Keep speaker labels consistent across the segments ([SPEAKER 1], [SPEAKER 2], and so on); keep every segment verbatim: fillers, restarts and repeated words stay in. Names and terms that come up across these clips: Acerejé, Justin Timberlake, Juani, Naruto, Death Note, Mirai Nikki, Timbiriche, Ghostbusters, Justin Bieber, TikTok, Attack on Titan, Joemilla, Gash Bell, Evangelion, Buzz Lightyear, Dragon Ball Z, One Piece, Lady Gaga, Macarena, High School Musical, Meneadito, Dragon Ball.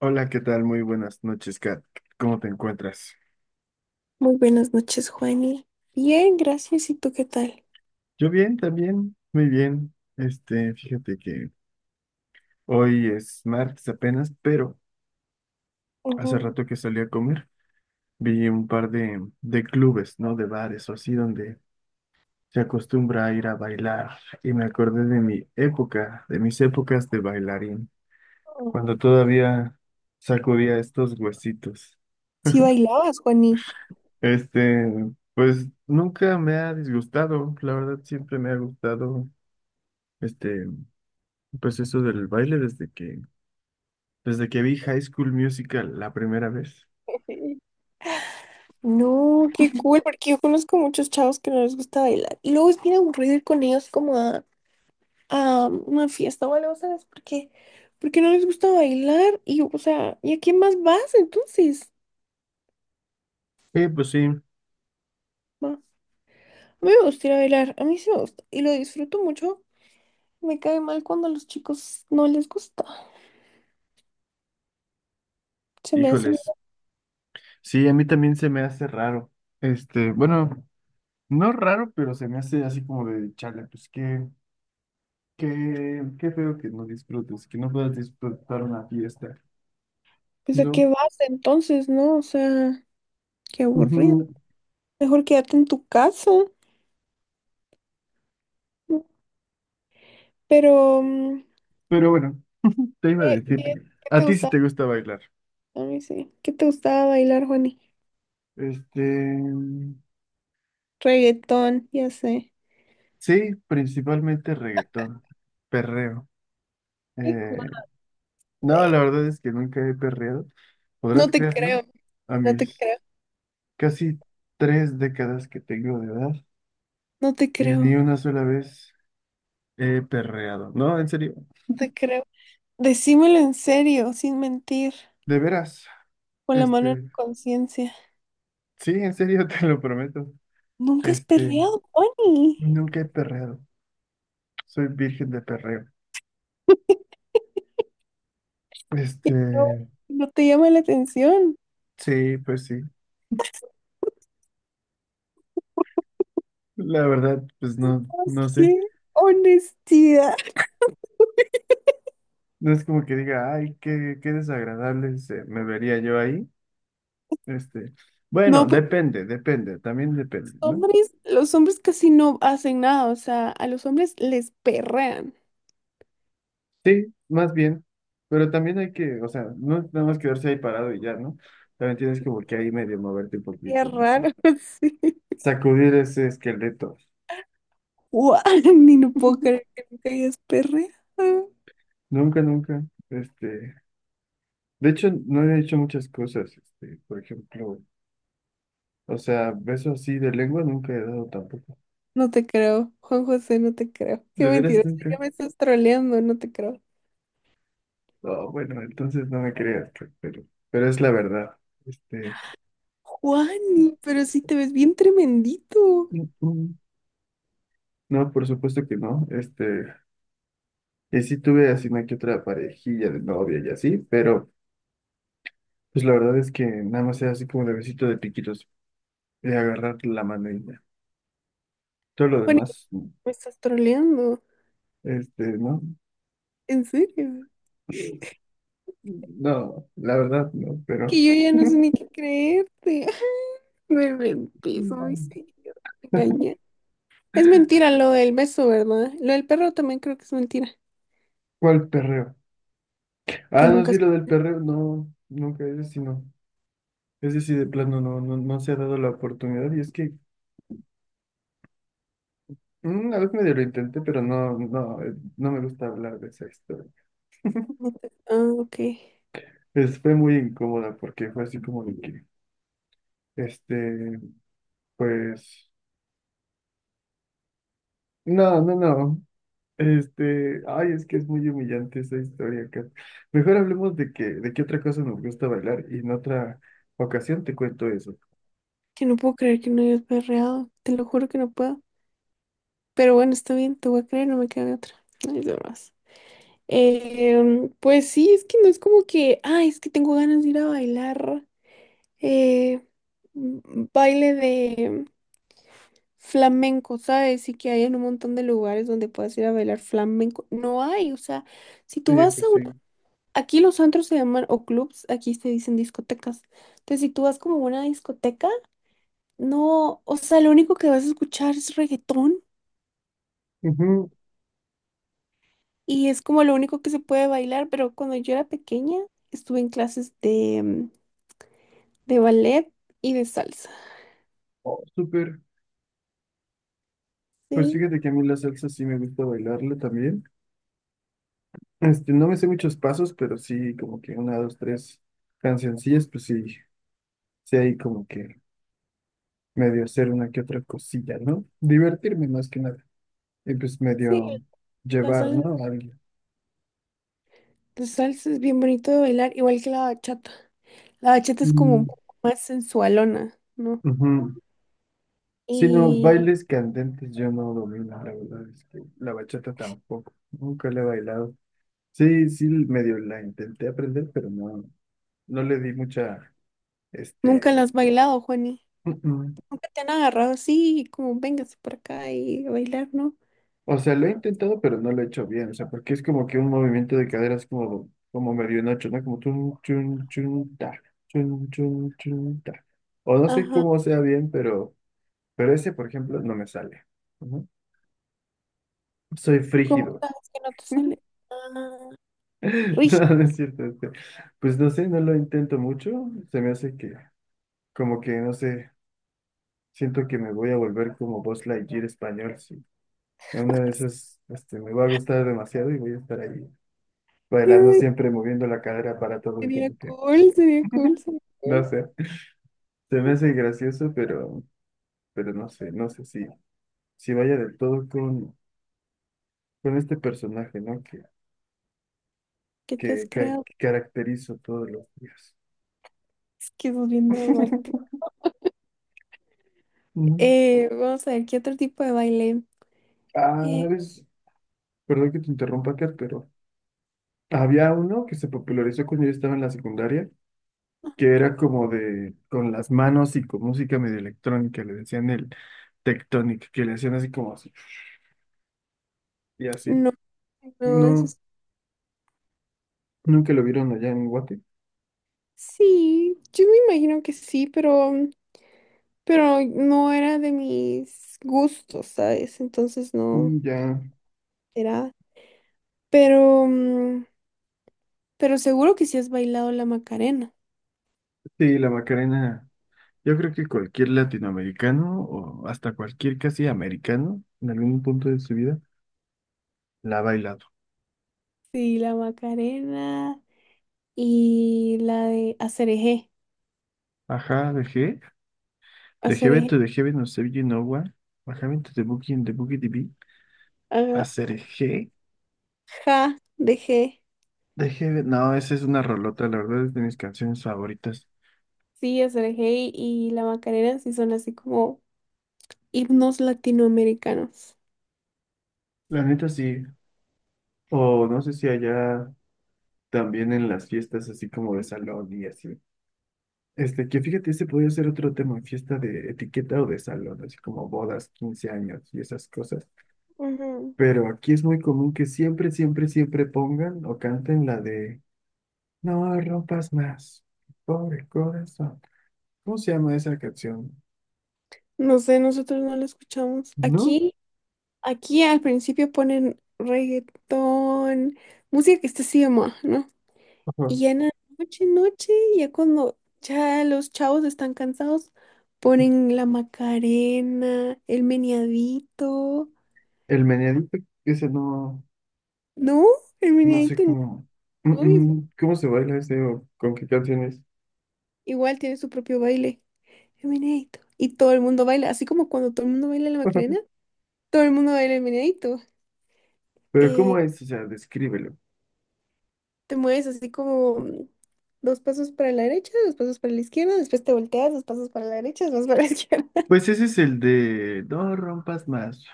[SPEAKER 1] Hola, ¿qué tal? Muy buenas noches, Kat. ¿Cómo te encuentras?
[SPEAKER 2] Muy buenas noches, Juani. Bien, gracias. ¿Y tú qué tal?
[SPEAKER 1] Yo bien, también, muy bien. Este, fíjate que hoy es martes apenas, pero hace
[SPEAKER 2] Ujú.
[SPEAKER 1] rato que salí a comer, vi un par de, de clubes, ¿no? De bares o así, donde se acostumbra a ir a bailar. Y me acordé de mi época, de mis épocas de bailarín, cuando todavía sacudía estos huesitos.
[SPEAKER 2] Sí bailabas, Juani.
[SPEAKER 1] Este, pues nunca me ha disgustado, la verdad siempre me ha gustado. Este, Pues eso del baile desde que, desde que vi High School Musical la primera vez.
[SPEAKER 2] No, qué cool, porque yo conozco muchos chavos que no les gusta bailar. Y luego es bien aburrido ir con ellos como a, a una fiesta o algo, ¿sabes? Porque, porque no les gusta bailar y, o sea, ¿y a quién más vas entonces?
[SPEAKER 1] Eh, pues sí,
[SPEAKER 2] Va. A mí me gusta ir a bailar, a mí sí me gusta y lo disfruto mucho. Me cae mal cuando a los chicos no les gusta. Se me hace, mira,
[SPEAKER 1] híjoles. Sí, a mí también se me hace raro. Este, bueno, no raro, pero se me hace así como de chale, pues qué, qué, qué feo que no disfrutes, que no puedas disfrutar una fiesta,
[SPEAKER 2] pues ¿a
[SPEAKER 1] ¿no?
[SPEAKER 2] qué vas entonces, no? O sea, qué aburrido.
[SPEAKER 1] Ujú.
[SPEAKER 2] Mejor quédate en tu casa. Pero, mm,
[SPEAKER 1] Pero bueno, te iba a
[SPEAKER 2] ¿qué,
[SPEAKER 1] decir,
[SPEAKER 2] qué- ¿qué
[SPEAKER 1] a
[SPEAKER 2] te
[SPEAKER 1] ti sí
[SPEAKER 2] gusta?
[SPEAKER 1] te gusta bailar.
[SPEAKER 2] A mí sí. ¿Qué te gustaba bailar, Juani?
[SPEAKER 1] Este,
[SPEAKER 2] Reggaetón, ya sé.
[SPEAKER 1] sí, principalmente reggaetón, perreo.
[SPEAKER 2] Hijo
[SPEAKER 1] Eh, No, la
[SPEAKER 2] de...
[SPEAKER 1] verdad es que nunca he perreado. ¿Podrás
[SPEAKER 2] No te
[SPEAKER 1] creerlo?
[SPEAKER 2] creo,
[SPEAKER 1] A
[SPEAKER 2] no te
[SPEAKER 1] mis
[SPEAKER 2] creo.
[SPEAKER 1] casi tres décadas que tengo de edad
[SPEAKER 2] no te
[SPEAKER 1] y
[SPEAKER 2] creo.
[SPEAKER 1] ni
[SPEAKER 2] No
[SPEAKER 1] una sola vez he perreado. No, en serio,
[SPEAKER 2] te creo. Decímelo en serio, sin mentir,
[SPEAKER 1] de veras.
[SPEAKER 2] con la mano en
[SPEAKER 1] Este,
[SPEAKER 2] la conciencia.
[SPEAKER 1] sí, en serio, te lo prometo.
[SPEAKER 2] Nunca has
[SPEAKER 1] Este,
[SPEAKER 2] perreado, Bonnie.
[SPEAKER 1] Nunca he perreado. Soy virgen de perreo.
[SPEAKER 2] Y
[SPEAKER 1] Este,
[SPEAKER 2] No, no te llama la atención.
[SPEAKER 1] sí, pues sí. La verdad, pues no,
[SPEAKER 2] ¿Sabes?
[SPEAKER 1] no sé.
[SPEAKER 2] ¡Qué honestidad!
[SPEAKER 1] No es como que diga, ay, qué, qué desagradable se me vería yo ahí. Este, bueno,
[SPEAKER 2] No, pero
[SPEAKER 1] depende, depende, también depende,
[SPEAKER 2] los
[SPEAKER 1] ¿no?
[SPEAKER 2] hombres, los hombres casi no hacen nada. O sea, a los hombres les perrean.
[SPEAKER 1] Sí, más bien, pero también hay que, o sea, no es nada más quedarse ahí parado y ya, ¿no? También tienes como que ahí medio moverte un
[SPEAKER 2] Qué
[SPEAKER 1] poquito, no sé,
[SPEAKER 2] raro, sí.
[SPEAKER 1] sacudir ese esqueleto.
[SPEAKER 2] Guau, ni no puedo creer que nunca hayas perreado.
[SPEAKER 1] Nunca, nunca, este, de hecho, no he hecho muchas cosas, este, por ejemplo, o sea, beso así de lengua nunca he dado tampoco.
[SPEAKER 2] No te creo, Juan José, no te creo. Qué
[SPEAKER 1] ¿De veras
[SPEAKER 2] mentiroso,
[SPEAKER 1] nunca?
[SPEAKER 2] ya me estás troleando, no te creo.
[SPEAKER 1] Oh, bueno, entonces no me creas, pe- pero, pero es la verdad, este.
[SPEAKER 2] Juani, pero sí te ves bien tremendito.
[SPEAKER 1] No, por supuesto que no. Este, y sí tuve así una que otra parejilla de novia y así, pero pues la verdad es que nada más era así como de besito de piquitos, de agarrar la mano y ya. Todo lo
[SPEAKER 2] Juani,
[SPEAKER 1] demás, no.
[SPEAKER 2] me estás troleando.
[SPEAKER 1] este, ¿no?
[SPEAKER 2] ¿En serio?
[SPEAKER 1] No, la verdad no, pero
[SPEAKER 2] Que yo ya no sé ni qué creerte. Me mentís, muy
[SPEAKER 1] Mm.
[SPEAKER 2] serio. Me engañé. Es mentira lo del beso, ¿verdad? Lo del perro también creo que es mentira.
[SPEAKER 1] ¿cuál perreo? Ah,
[SPEAKER 2] Que
[SPEAKER 1] no,
[SPEAKER 2] nunca...
[SPEAKER 1] sí,
[SPEAKER 2] has-
[SPEAKER 1] lo del perreo, no, nunca, es sí no. Ese sí de plano no, no, no se ha dado la oportunidad y es que mm, una vez medio lo intenté, pero no, no, eh, no me gusta hablar de esa historia.
[SPEAKER 2] no te- Ah, ok.
[SPEAKER 1] Es- fue muy incómoda porque fue así como de que, este, pues, no, no, no, este, ay, es que es muy humillante esa historia acá. Mejor hablemos de que, de qué otra cosa nos gusta bailar y en otra ocasión te cuento eso.
[SPEAKER 2] Que no puedo creer que no hayas perreado. Te lo juro que no puedo. Pero bueno, está bien, te voy a creer, no me queda de otra. Ay, de más. Em, pues sí, es que no es como que, ay, es que tengo ganas de ir a bailar. eh, Baile de flamenco, ¿sabes? Y que hay en un montón de lugares donde puedes ir a bailar flamenco. No hay, o sea, si tú
[SPEAKER 1] Sí,
[SPEAKER 2] vas a
[SPEAKER 1] pues
[SPEAKER 2] una...
[SPEAKER 1] sí.
[SPEAKER 2] Aquí los antros se llaman o clubs, aquí se dicen discotecas. Entonces, si tú vas como a una discoteca, no, o sea, lo único que vas a escuchar es reggaetón
[SPEAKER 1] Ujú.
[SPEAKER 2] y es como lo único que se puede bailar, pero cuando yo era pequeña estuve en clases de, mm, de ballet y de salsa.
[SPEAKER 1] Oh, súper. Pues
[SPEAKER 2] Sí,
[SPEAKER 1] fíjate que a mí la salsa sí me gusta bailarla también. Este, no me sé muchos pasos, pero sí como que una, dos, tres cancioncillas, pues sí, sí hay como que medio hacer una que otra cosilla, ¿no? Divertirme más que nada. Y pues
[SPEAKER 2] sí,
[SPEAKER 1] medio
[SPEAKER 2] la
[SPEAKER 1] llevar,
[SPEAKER 2] salsa.
[SPEAKER 1] ¿no? Alguien.
[SPEAKER 2] La salsa es bien bonito de bailar, igual que la bachata. La bachata es como un
[SPEAKER 1] Mm,
[SPEAKER 2] poco más sensualona, ¿no?
[SPEAKER 1] ujú. Si no,
[SPEAKER 2] Y
[SPEAKER 1] bailes candentes yo no domino, la verdad es que la bachata tampoco. Nunca la he bailado. Sí, sí, medio la intenté aprender, pero no, no le di mucha,
[SPEAKER 2] nunca la
[SPEAKER 1] este,
[SPEAKER 2] has bailado, Juani. Nunca te han agarrado así, como véngase por acá y a bailar, ¿no?
[SPEAKER 1] O sea, lo he intentado, pero no lo he hecho bien. O sea, porque es como que un movimiento de caderas como, como medio en noche, ¿no? Como chun, chun, chun, ta, chun, chun, chun, ta. O no sé
[SPEAKER 2] Ajá.
[SPEAKER 1] cómo sea bien, pero, pero ese, por ejemplo, no me sale. Ujú. Soy
[SPEAKER 2] ¿Cómo
[SPEAKER 1] frígido.
[SPEAKER 2] sabes que no te sale? Ah,
[SPEAKER 1] No,
[SPEAKER 2] rígido.
[SPEAKER 1] no es cierto. este, Pues no sé, no lo intento mucho. Se me hace que, como que, no sé, siento que me voy a volver como Buzz Lightyear español. Sí. En una de esas, este, me va a gustar demasiado y voy a estar ahí. Bailando
[SPEAKER 2] Ay,
[SPEAKER 1] siempre, moviendo la cadera para todo y
[SPEAKER 2] sería
[SPEAKER 1] como que,
[SPEAKER 2] cool, sería cool, sería
[SPEAKER 1] no
[SPEAKER 2] cool.
[SPEAKER 1] sé, se me hace gracioso, pero, pero no sé, no sé si, si vaya del todo con, con este personaje, ¿no? Que,
[SPEAKER 2] ¿Qué te has
[SPEAKER 1] que, ca-
[SPEAKER 2] creado?
[SPEAKER 1] caracterizo todos los días.
[SPEAKER 2] Es que sos bien dramático.
[SPEAKER 1] Ujú.
[SPEAKER 2] Eh, vamos a ver, ¿qué otro tipo de baile?
[SPEAKER 1] Ah, una
[SPEAKER 2] Eh,
[SPEAKER 1] vez, perdón que te interrumpa, Kat, pero había uno que se popularizó cuando yo estaba en la secundaria, que era como de, con las manos y con música medio electrónica, le decían el tectonic, que le hacían así como así, y así.
[SPEAKER 2] no, no, eso
[SPEAKER 1] No,
[SPEAKER 2] es...
[SPEAKER 1] nunca lo vieron allá en Guate.
[SPEAKER 2] Sí, yo me imagino que sí, pero... pero no era de mis gustos, ¿sabes? Entonces no
[SPEAKER 1] Mm, ya,
[SPEAKER 2] era. Pero, mm, pero seguro que sí has bailado la Macarena.
[SPEAKER 1] sí, la Macarena. Yo creo que cualquier latinoamericano o hasta cualquier casi americano en algún punto de su vida la ha bailado.
[SPEAKER 2] Sí, la Macarena y la de Acerejé.
[SPEAKER 1] Ajá, dejé. Dejé vento,
[SPEAKER 2] Acerejé.
[SPEAKER 1] dejé no sé Nowa. Ajá, vento de Booking, de Boogie D B.
[SPEAKER 2] Ajá.
[SPEAKER 1] Hacer G.
[SPEAKER 2] Ja, de G.
[SPEAKER 1] Dejé. ve- No, esa es una rolota, la verdad es de mis canciones favoritas.
[SPEAKER 2] Sí, Acerejé y y la Macarena sí son así como himnos latinoamericanos.
[SPEAKER 1] La neta sí. O no sé si allá también en las fiestas así como de salón y así. Este, que fíjate, ese podría ser otro tema, fiesta de etiqueta o de salón, así como bodas, quince años y esas cosas.
[SPEAKER 2] Ujú.
[SPEAKER 1] Pero aquí es muy común que siempre, siempre, siempre pongan o canten la de No rompas más, pobre corazón. ¿Cómo se llama esa canción?
[SPEAKER 2] No sé, nosotros no lo escuchamos.
[SPEAKER 1] ¿No?
[SPEAKER 2] Aquí, aquí al principio ponen reggaetón, música que está así de moda, ¿no?
[SPEAKER 1] Ajá.
[SPEAKER 2] Y ya en la noche, noche, ya cuando ya los chavos están cansados, ponen la Macarena, el meneadito.
[SPEAKER 1] El meneadito, ese no,
[SPEAKER 2] No, el
[SPEAKER 1] no sé
[SPEAKER 2] meneadito
[SPEAKER 1] cómo, Mm,
[SPEAKER 2] no, y-
[SPEAKER 1] mm, cómo se baila ese o con qué canciones.
[SPEAKER 2] igual tiene su propio baile, el meneadito. Y todo el mundo baila, así como cuando todo el mundo baila la Macarena, todo el mundo baila el meneadito.
[SPEAKER 1] Pero
[SPEAKER 2] Eh,
[SPEAKER 1] ¿cómo es? O sea, descríbelo.
[SPEAKER 2] Te mueves así como mm, dos pasos para la derecha, dos pasos para la izquierda, después te volteas, dos pasos para la derecha, dos pasos para la izquierda.
[SPEAKER 1] Pues ese es el de no rompas más.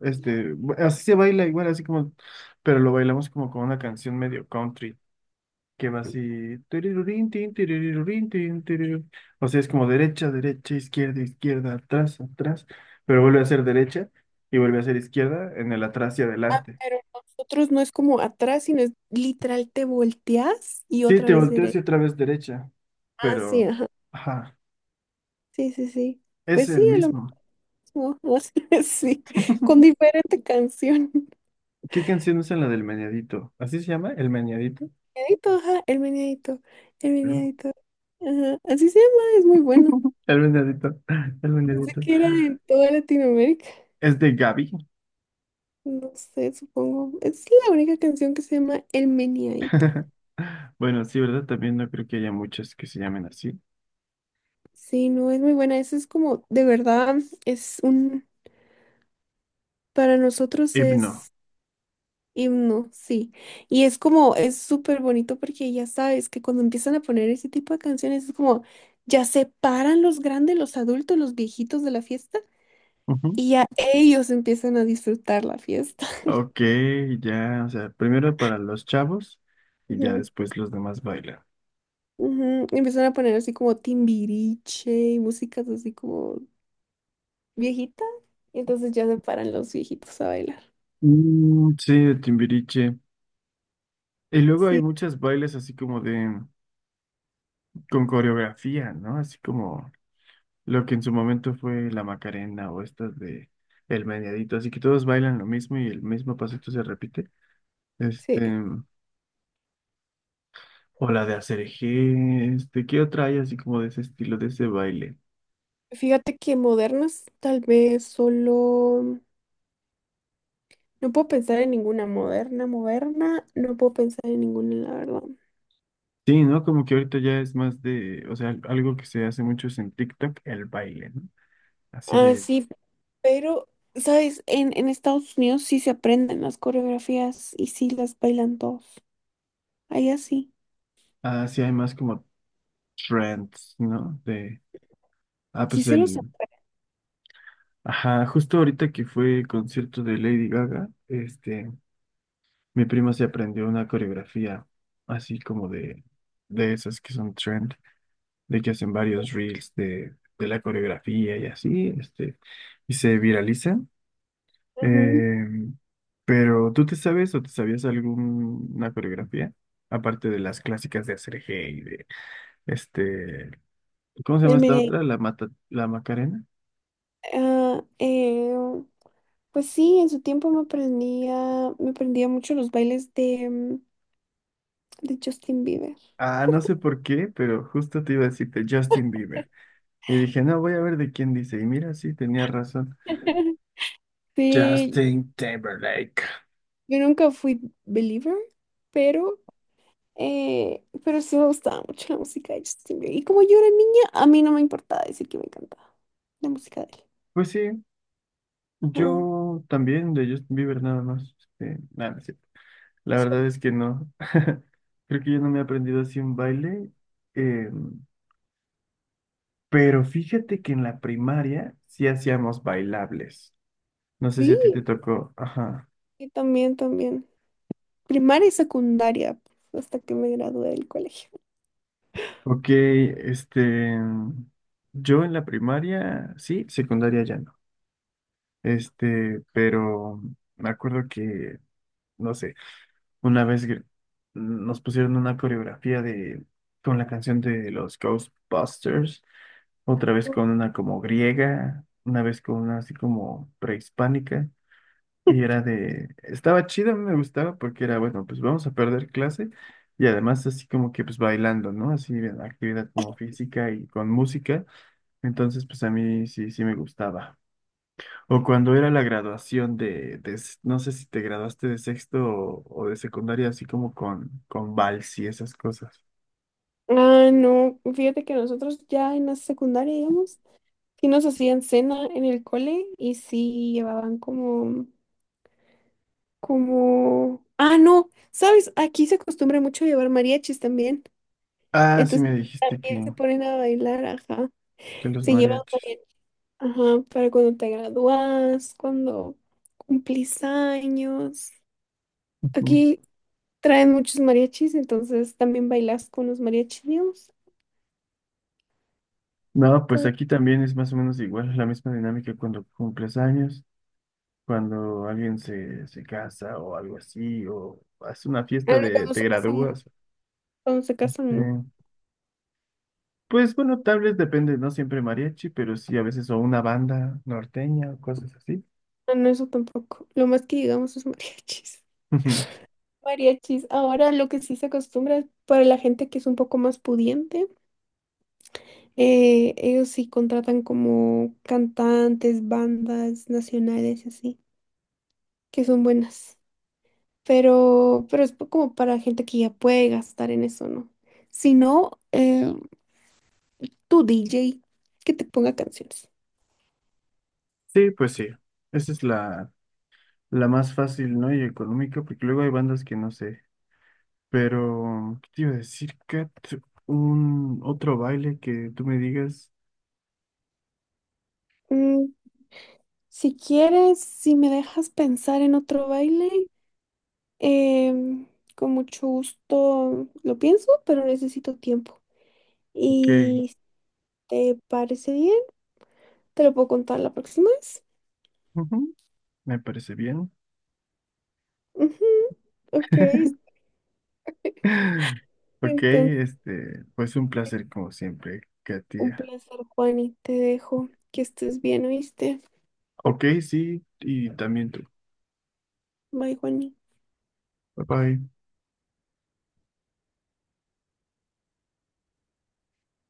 [SPEAKER 1] Este, bu- así se baila igual, así como, pero lo bailamos como con una canción medio country, que va así. Tirirurín, tin, tirirurín, tin, tirirú. O sea, es como derecha, derecha, izquierda, izquierda, atrás, atrás, pero vuelve a ser derecha y vuelve a ser izquierda en el atrás y adelante.
[SPEAKER 2] Pero nosotros no es como atrás, sino es literal te volteas y
[SPEAKER 1] Sí,
[SPEAKER 2] otra
[SPEAKER 1] te
[SPEAKER 2] vez
[SPEAKER 1] volteas y
[SPEAKER 2] derecha.
[SPEAKER 1] otra vez derecha,
[SPEAKER 2] Ah, sí,
[SPEAKER 1] pero,
[SPEAKER 2] ajá.
[SPEAKER 1] ajá,
[SPEAKER 2] Sí, sí, sí.
[SPEAKER 1] es
[SPEAKER 2] Pues sí,
[SPEAKER 1] el
[SPEAKER 2] es lo
[SPEAKER 1] mismo.
[SPEAKER 2] mismo. Así, es, sí, con diferente canción.
[SPEAKER 1] ¿Qué canción es en la del meñadito? ¿Así se llama? ¿El meñadito?
[SPEAKER 2] Meneadito, ajá, el meneadito, el meneadito. Ajá, así se llama, es muy bueno.
[SPEAKER 1] El vendedito, el
[SPEAKER 2] Pensé
[SPEAKER 1] vendedito.
[SPEAKER 2] que era en toda Latinoamérica.
[SPEAKER 1] Es de Gaby.
[SPEAKER 2] No sé, supongo. Es la única canción que se llama El Meneadito.
[SPEAKER 1] Bueno, sí, ¿verdad? También no creo que haya muchas que se llamen así.
[SPEAKER 2] Sí, no, es muy buena. Eso es como, de verdad, es un, para nosotros
[SPEAKER 1] Himno.
[SPEAKER 2] es himno, sí. Y es como, es súper bonito porque ya sabes que cuando empiezan a poner ese tipo de canciones es como, ya se paran los grandes, los adultos, los viejitos de la fiesta
[SPEAKER 1] Ujú.
[SPEAKER 2] y ya ellos empiezan a disfrutar la fiesta.
[SPEAKER 1] Ok, ya, o sea, primero para los chavos y ya
[SPEAKER 2] Ujú,
[SPEAKER 1] después los demás bailan.
[SPEAKER 2] Ujú. Y Empiezan a poner así como timbiriche y músicas así como viejita. Y entonces ya se paran los viejitos a bailar.
[SPEAKER 1] Mm, sí, de Timbiriche. Y luego hay
[SPEAKER 2] Sí,
[SPEAKER 1] muchas bailes así como de, con coreografía, ¿no? Así como lo que en su momento fue la Macarena o estas de El Meneadito. Así que todos bailan lo mismo y el mismo pasito se repite. Este,
[SPEAKER 2] sí.
[SPEAKER 1] O la de hacer este, ¿qué otra hay así como de ese estilo, de ese baile?
[SPEAKER 2] Fíjate que modernas, tal vez solo... No puedo pensar en ninguna moderna, moderna. No puedo pensar en ninguna, la verdad.
[SPEAKER 1] Sí, ¿no? Como que ahorita ya es más de, o sea, algo que se hace mucho es en TikTok, el baile, ¿no? Así
[SPEAKER 2] Ah,
[SPEAKER 1] de,
[SPEAKER 2] sí, pero, ¿sabes? En, en Estados Unidos sí se aprenden las coreografías y sí las bailan todos. Allá sí.
[SPEAKER 1] así hay más como trends, ¿no? De, ah,
[SPEAKER 2] Sí
[SPEAKER 1] pues
[SPEAKER 2] se los...
[SPEAKER 1] el, ajá, justo ahorita que fue el concierto de Lady Gaga, este, mi prima se aprendió una coreografía así como de, de esas que son trend, de que hacen varios reels de, de la coreografía y así, este y se viraliza.
[SPEAKER 2] Ajá.
[SPEAKER 1] Eh, pero, ¿tú te sabes o te sabías alguna coreografía? Aparte de las clásicas de hacer eje y de este. ¿Cómo se llama
[SPEAKER 2] El
[SPEAKER 1] esta
[SPEAKER 2] merengue,
[SPEAKER 1] otra? La mata, la Macarena.
[SPEAKER 2] ah, eh, pues sí, en su tiempo me aprendía, me aprendía mucho los bailes de, mm, de Justin Bieber.
[SPEAKER 1] Ah, no sé por qué, pero justo te iba a decirte Justin Bieber. Y dije, no, voy a ver de quién dice. Y mira, sí, tenía razón.
[SPEAKER 2] Sí,
[SPEAKER 1] Justin Timberlake.
[SPEAKER 2] yo nunca fui believer, pero Eh, pero sí me gustaba mucho la música de Justin Bieber. Y como yo era niña, a mí no me importaba decir que me encantaba la música de él.
[SPEAKER 1] Pues sí,
[SPEAKER 2] Ajá.
[SPEAKER 1] yo también de Justin Bieber nada más. Este, nada, no es cierto. La verdad es que no. Creo que yo no me he aprendido así un baile. em, Pero fíjate que en la primaria sí hacíamos bailables. No sé si
[SPEAKER 2] Sí,
[SPEAKER 1] a ti te tocó. Ajá.
[SPEAKER 2] y también, también. Primaria y secundaria, pues, hasta que me gradué del colegio.
[SPEAKER 1] Ok, este. Yo en la primaria, sí, secundaria ya no. Este, pero me acuerdo que, no sé, una vez gr- nos pusieron una coreografía de, con la canción de los Ghostbusters, otra vez con una como griega, una vez con una así como prehispánica. Y era de, estaba chida, me gustaba porque era, bueno, pues vamos a perder clase y además así como que pues bailando, ¿no? Así actividad como física y con música. Entonces pues a mí sí, sí me gustaba. O cuando era la graduación de, de s- no sé si te graduaste de sexto o, o de secundaria, así como con, con vals y esas cosas.
[SPEAKER 2] Ah, no, fíjate que nosotros ya en la secundaria, digamos, sí nos hacían cena en el cole y sí llevaban como, como, ah, no, sabes, aquí se acostumbra mucho llevar mariachis también,
[SPEAKER 1] Ah, sí
[SPEAKER 2] entonces
[SPEAKER 1] me dijiste
[SPEAKER 2] también se
[SPEAKER 1] que,
[SPEAKER 2] ponen a bailar, ajá,
[SPEAKER 1] que los
[SPEAKER 2] se llevan
[SPEAKER 1] mariachis.
[SPEAKER 2] mariachis, ajá, para cuando te gradúas, cuando cumplís años,
[SPEAKER 1] Ujú.
[SPEAKER 2] aquí traen muchos mariachis, entonces también bailas con los mariachis, digamos,
[SPEAKER 1] No, pues
[SPEAKER 2] ¿sabes?
[SPEAKER 1] aquí también es más o menos igual, la misma dinámica cuando cumples años. cuando alguien se, se casa o algo así, o hace una fiesta
[SPEAKER 2] Ah, no,
[SPEAKER 1] de
[SPEAKER 2] cuando
[SPEAKER 1] te
[SPEAKER 2] se casan, no,
[SPEAKER 1] gradúas.
[SPEAKER 2] cuando se
[SPEAKER 1] sí
[SPEAKER 2] casan, no.
[SPEAKER 1] pues bueno, tal vez depende, no siempre mariachi, pero sí a veces o una banda norteña o cosas así.
[SPEAKER 2] Ah, no, eso tampoco. Lo más que digamos es mariachis.
[SPEAKER 1] Ujú.
[SPEAKER 2] Mariachis. Ahora lo que sí se acostumbra para la gente que es un poco más pudiente, eh, ellos sí contratan como cantantes, bandas nacionales y así, que son buenas. Pero, pero es como para gente que ya puede gastar en eso, ¿no? Si no, eh, tu D J que te ponga canciones.
[SPEAKER 1] Sí, pues sí, esa es la, la más fácil, ¿no? Y económica, porque luego hay bandas que no sé. Pero, ¿qué te iba a decir, Kat? Un otro baile que tú me digas,
[SPEAKER 2] Mm, si quieres, si me dejas pensar en otro baile. Em, con mucho gusto lo pienso, pero necesito tiempo.
[SPEAKER 1] ok,
[SPEAKER 2] Y si te parece bien, te lo puedo contar la próxima vez.
[SPEAKER 1] ujú, me parece bien.
[SPEAKER 2] Ujú, Ok, sí,
[SPEAKER 1] Ok,
[SPEAKER 2] entonces
[SPEAKER 1] este, pues un placer como siempre,
[SPEAKER 2] un
[SPEAKER 1] Katia.
[SPEAKER 2] placer, Juani. Te dejo. Que estés bien, ¿oíste?
[SPEAKER 1] Ok, sí, y también tú.
[SPEAKER 2] Bye, Juani.
[SPEAKER 1] Bye bye.